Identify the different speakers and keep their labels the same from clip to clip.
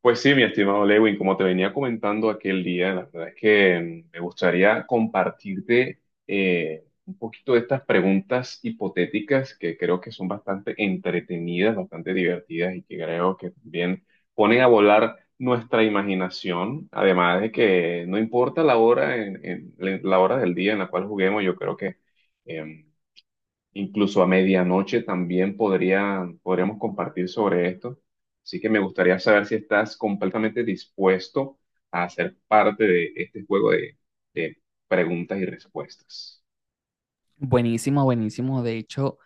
Speaker 1: Pues sí, mi estimado Lewin, como te venía comentando aquel día, la verdad es que me gustaría compartirte un poquito de estas preguntas hipotéticas que creo que son bastante entretenidas, bastante divertidas y que creo que también ponen a volar nuestra imaginación. Además de que no importa la hora, la hora del día en la cual juguemos, yo creo que em, incluso a medianoche también podríamos compartir sobre esto. Así que me gustaría saber si estás completamente dispuesto a ser parte de este juego de preguntas y respuestas.
Speaker 2: Buenísimo, buenísimo. De hecho,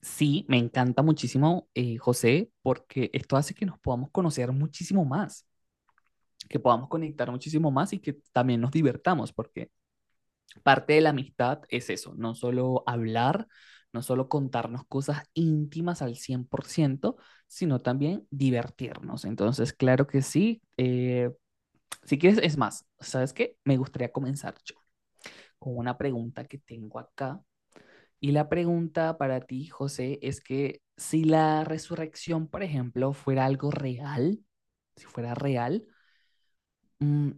Speaker 2: sí, me encanta muchísimo, José, porque esto hace que nos podamos conocer muchísimo más, que podamos conectar muchísimo más y que también nos divertamos, porque parte de la amistad es eso, no solo hablar, no solo contarnos cosas íntimas al 100% sino también divertirnos. Entonces, claro que sí. Si quieres, es más, ¿sabes qué? Me gustaría comenzar yo con una pregunta que tengo acá. Y la pregunta para ti, José, es que si la resurrección, por ejemplo, fuera algo real, si fuera real, mm,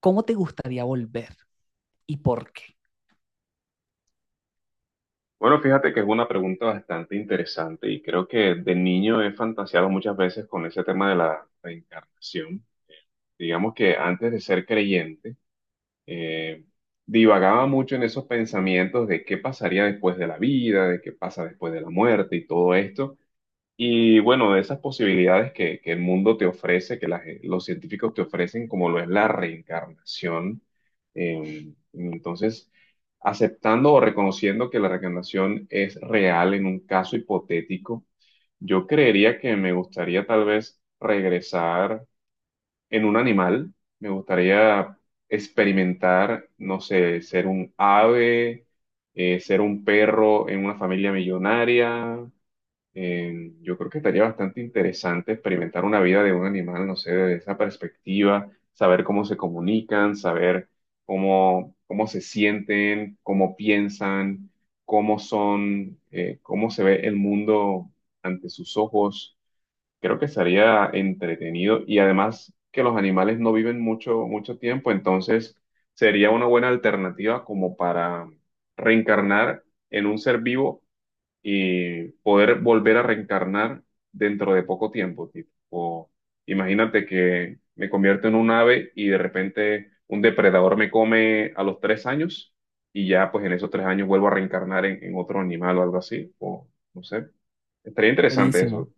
Speaker 2: ¿cómo te gustaría volver y por qué?
Speaker 1: Bueno, fíjate que es una pregunta bastante interesante y creo que de niño he fantaseado muchas veces con ese tema de la reencarnación. Digamos que antes de ser creyente, eh, divagaba mucho en esos pensamientos de qué pasaría después de la vida, de qué pasa después de la muerte y todo esto. Y bueno, de esas posibilidades que el mundo te ofrece, que los científicos te ofrecen, como lo es la reencarnación, entonces, aceptando o reconociendo que la reencarnación es real en un caso hipotético, yo creería que me gustaría tal vez regresar en un animal, me gustaría experimentar, no sé, ser un ave, ser un perro en una familia millonaria. Yo creo que estaría bastante interesante experimentar una vida de un animal, no sé, desde esa perspectiva, saber cómo se comunican, saber cómo se sienten, cómo piensan, cómo son, cómo se ve el mundo ante sus ojos. Creo que sería entretenido y además que los animales no viven mucho, mucho tiempo, entonces sería una buena alternativa como para reencarnar en un ser vivo y poder volver a reencarnar dentro de poco tiempo, tipo. O imagínate que me convierto en un ave y de repente un depredador me come a los tres años y ya pues en esos tres años vuelvo a reencarnar en otro animal o algo así. O no sé, estaría interesante
Speaker 2: Buenísimo,
Speaker 1: eso.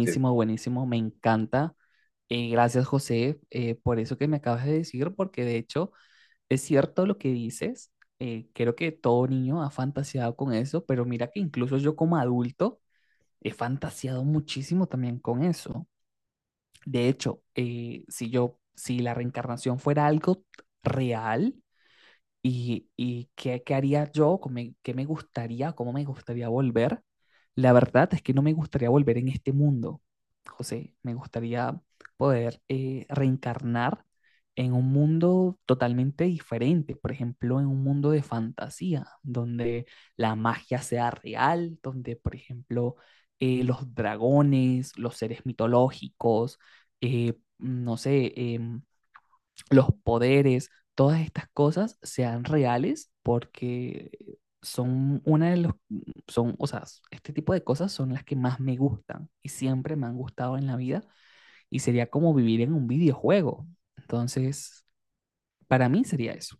Speaker 1: Sí.
Speaker 2: buenísimo, me encanta. Gracias, José, por eso que me acabas de decir, porque de hecho es cierto lo que dices. Creo que todo niño ha fantaseado con eso, pero mira que incluso yo como adulto he fantaseado muchísimo también con eso. De hecho, si la reencarnación fuera algo real, y qué haría yo, ¿ qué me gustaría, cómo me gustaría volver? La verdad es que no me gustaría volver en este mundo, José. Me gustaría poder reencarnar en un mundo totalmente diferente, por ejemplo, en un mundo de fantasía, donde la magia sea real, donde, por ejemplo, los dragones, los seres mitológicos, no sé, los poderes, todas estas cosas sean reales porque son una de los, son, o sea, este tipo de cosas son las que más me gustan y siempre me han gustado en la vida y sería como vivir en un videojuego. Entonces, para mí sería eso.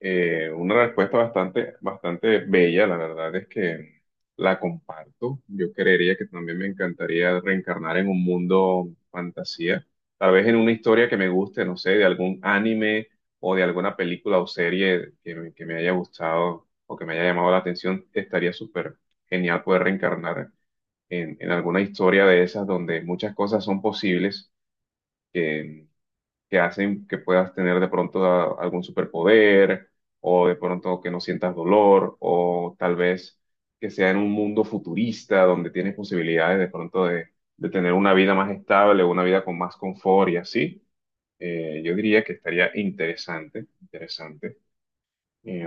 Speaker 1: Una respuesta bastante, bastante bella, la verdad es que la comparto. Yo creería que también me encantaría reencarnar en un mundo fantasía, tal vez en una historia que me guste, no sé, de algún anime o de alguna película o serie que me haya gustado o que me haya llamado la atención. Estaría súper genial poder reencarnar en alguna historia de esas donde muchas cosas son posibles que hacen que puedas tener de pronto algún superpoder o de pronto que no sientas dolor o tal vez que sea en un mundo futurista donde tienes posibilidades de pronto de tener una vida más estable, una vida con más confort y así. Yo diría que estaría interesante, interesante. Eh,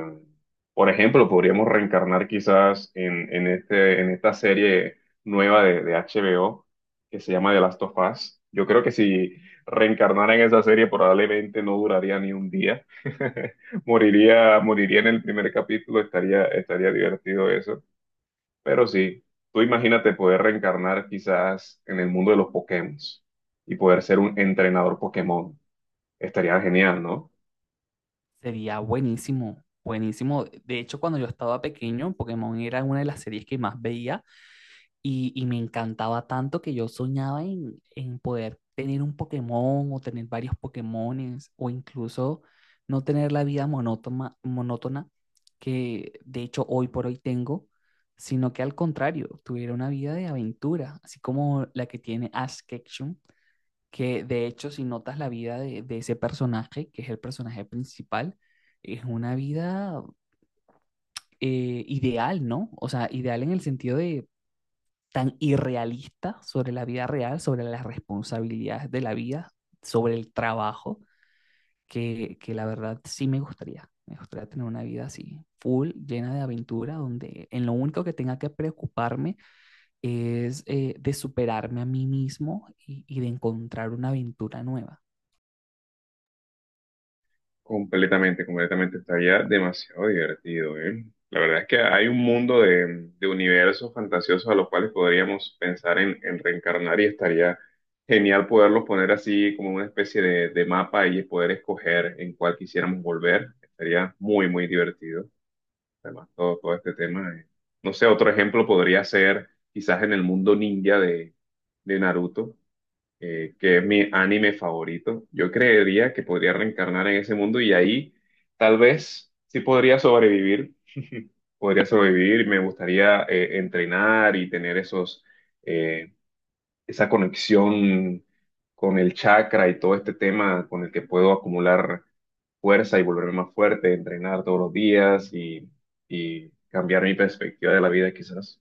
Speaker 1: por ejemplo, podríamos reencarnar quizás en esta serie nueva de HBO que se llama The Last of Us. Yo creo que si reencarnara en esa serie probablemente no duraría ni un día. Moriría en el primer capítulo, estaría divertido eso. Pero sí, tú imagínate poder reencarnar quizás en el mundo de los Pokémon y poder ser un entrenador Pokémon. Estaría genial, ¿no?
Speaker 2: Sería buenísimo, buenísimo. De hecho, cuando yo estaba pequeño, Pokémon era una de las series que más veía. Y me encantaba tanto que yo soñaba en poder tener un Pokémon o tener varios Pokémones o incluso no tener la vida monótona, monótona que de hecho hoy por hoy tengo, sino que al contrario, tuviera una vida de aventura, así como la que tiene Ash Ketchum, que de hecho si notas la vida de ese personaje, que es el personaje principal, es una vida ideal, ¿no? O sea, ideal en el sentido de tan irrealista sobre la vida real, sobre las responsabilidades de la vida, sobre el trabajo, que la verdad sí me gustaría. Me gustaría tener una vida así, full, llena de aventura, donde en lo único que tenga que preocuparme es de superarme a mí mismo y de encontrar una aventura nueva.
Speaker 1: Completamente, completamente. Estaría demasiado divertido, ¿eh? La verdad es que hay un mundo de universos fantasiosos a los cuales podríamos pensar en reencarnar y estaría genial poderlos poner así como una especie de mapa y poder escoger en cuál quisiéramos volver. Estaría muy, muy divertido. Además, todo este tema. No sé, otro ejemplo podría ser quizás en el mundo ninja de Naruto, que es mi anime favorito. Yo creería que podría reencarnar en ese mundo y ahí tal vez sí podría sobrevivir, me gustaría entrenar y tener esos, eh, esa conexión con el chakra y todo este tema con el que puedo acumular fuerza y volverme más fuerte, entrenar todos los días y cambiar mi perspectiva de la vida quizás.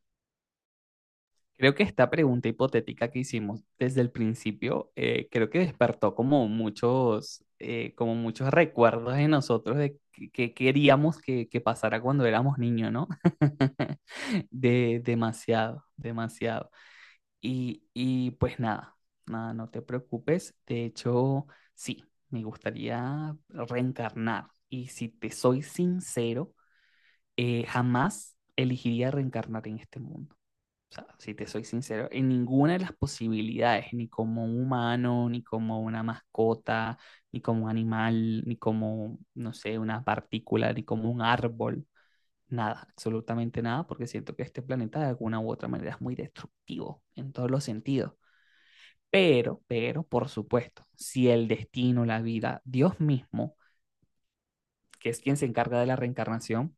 Speaker 2: Creo que esta pregunta hipotética que hicimos desde el principio, creo que despertó como muchos recuerdos de nosotros de que queríamos que pasara cuando éramos niños, ¿no? Demasiado, demasiado. Y pues nada, nada, no te preocupes. De hecho, sí, me gustaría reencarnar. Y si te soy sincero, jamás elegiría reencarnar en este mundo. O sea, si te soy sincero, en ninguna de las posibilidades, ni como un humano, ni como una mascota, ni como un animal, ni como, no sé, una partícula, ni como un árbol, nada, absolutamente nada, porque siento que este planeta de alguna u otra manera es muy destructivo en todos los sentidos. Pero, por supuesto, si el destino, la vida, Dios mismo, que es quien se encarga de la reencarnación,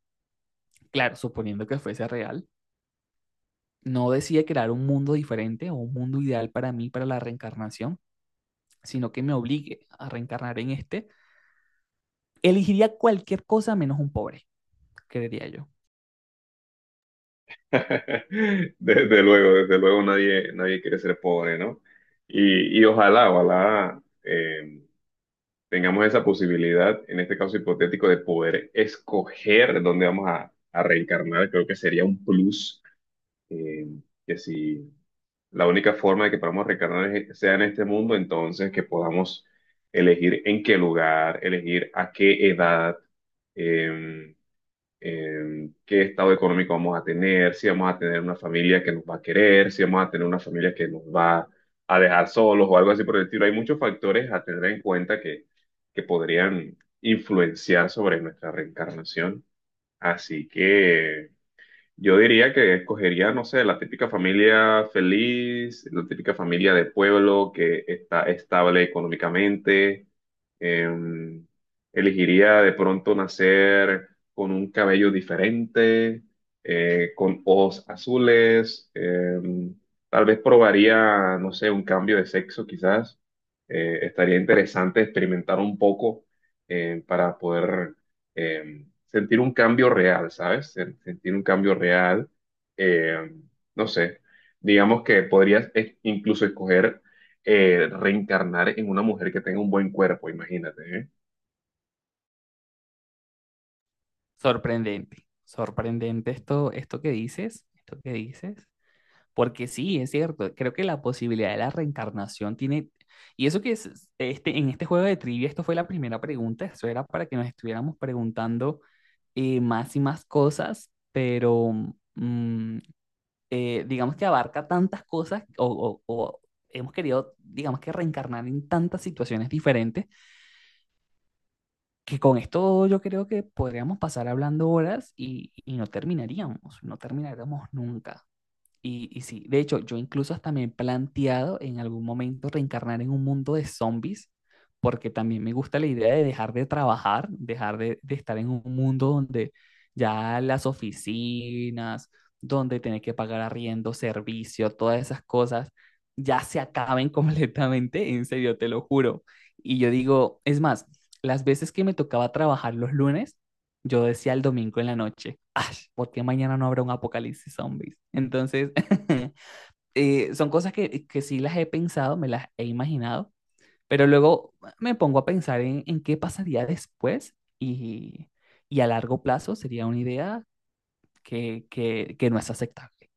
Speaker 2: claro, suponiendo que fuese real, no decide crear un mundo diferente o un mundo ideal para mí, para la reencarnación, sino que me obligue a reencarnar en este, elegiría cualquier cosa menos un pobre, creería yo.
Speaker 1: Desde luego nadie, nadie quiere ser pobre, ¿no? Y ojalá, ojalá, tengamos esa posibilidad, en este caso hipotético, de poder escoger dónde vamos a reencarnar. Creo que sería un plus, eh, que si la única forma de que podamos reencarnar sea en este mundo, entonces que podamos elegir en qué lugar, elegir a qué edad. eh, Qué estado económico vamos a tener, si vamos a tener una familia que nos va a querer, si vamos a tener una familia que nos va a dejar solos o algo así por el estilo. Hay muchos factores a tener en cuenta que podrían influenciar sobre nuestra reencarnación. Así que yo diría que escogería, no sé, la típica familia feliz, la típica familia de pueblo que está estable económicamente. Em, Elegiría de pronto nacer con un cabello diferente, con ojos azules. Tal vez probaría, no sé, un cambio de sexo quizás. Estaría interesante experimentar un poco para poder eh, sentir un cambio real, ¿sabes? Sentir un cambio real, eh, no sé, digamos que podrías incluso escoger reencarnar en una mujer que tenga un buen cuerpo, imagínate, ¿eh?
Speaker 2: Sorprendente, sorprendente esto que dices, porque sí, es cierto, creo que la posibilidad de la reencarnación tiene, y eso que es, en este juego de trivia, esto fue la primera pregunta, eso era para que nos estuviéramos preguntando más y más cosas, pero, mm, digamos que abarca tantas cosas o hemos querido, digamos que reencarnar en tantas situaciones diferentes, que con esto yo creo que podríamos pasar hablando horas y no terminaríamos, no terminaríamos nunca. Y sí, de hecho, yo incluso hasta me he planteado en algún momento reencarnar en un mundo de zombies, porque también me gusta la idea de dejar de trabajar, dejar de estar en un mundo donde ya las oficinas, donde tener que pagar arriendo, servicio, todas esas cosas, ya se acaben completamente, en serio, te lo juro. Y yo digo, es más, las veces que me tocaba trabajar los lunes, yo decía el domingo en la noche, "Ay, ¿por qué mañana no habrá un apocalipsis zombies?" Entonces, son cosas que sí las he pensado, me las he imaginado, pero luego me pongo a pensar en qué pasaría después y a largo plazo sería una idea que no es aceptable.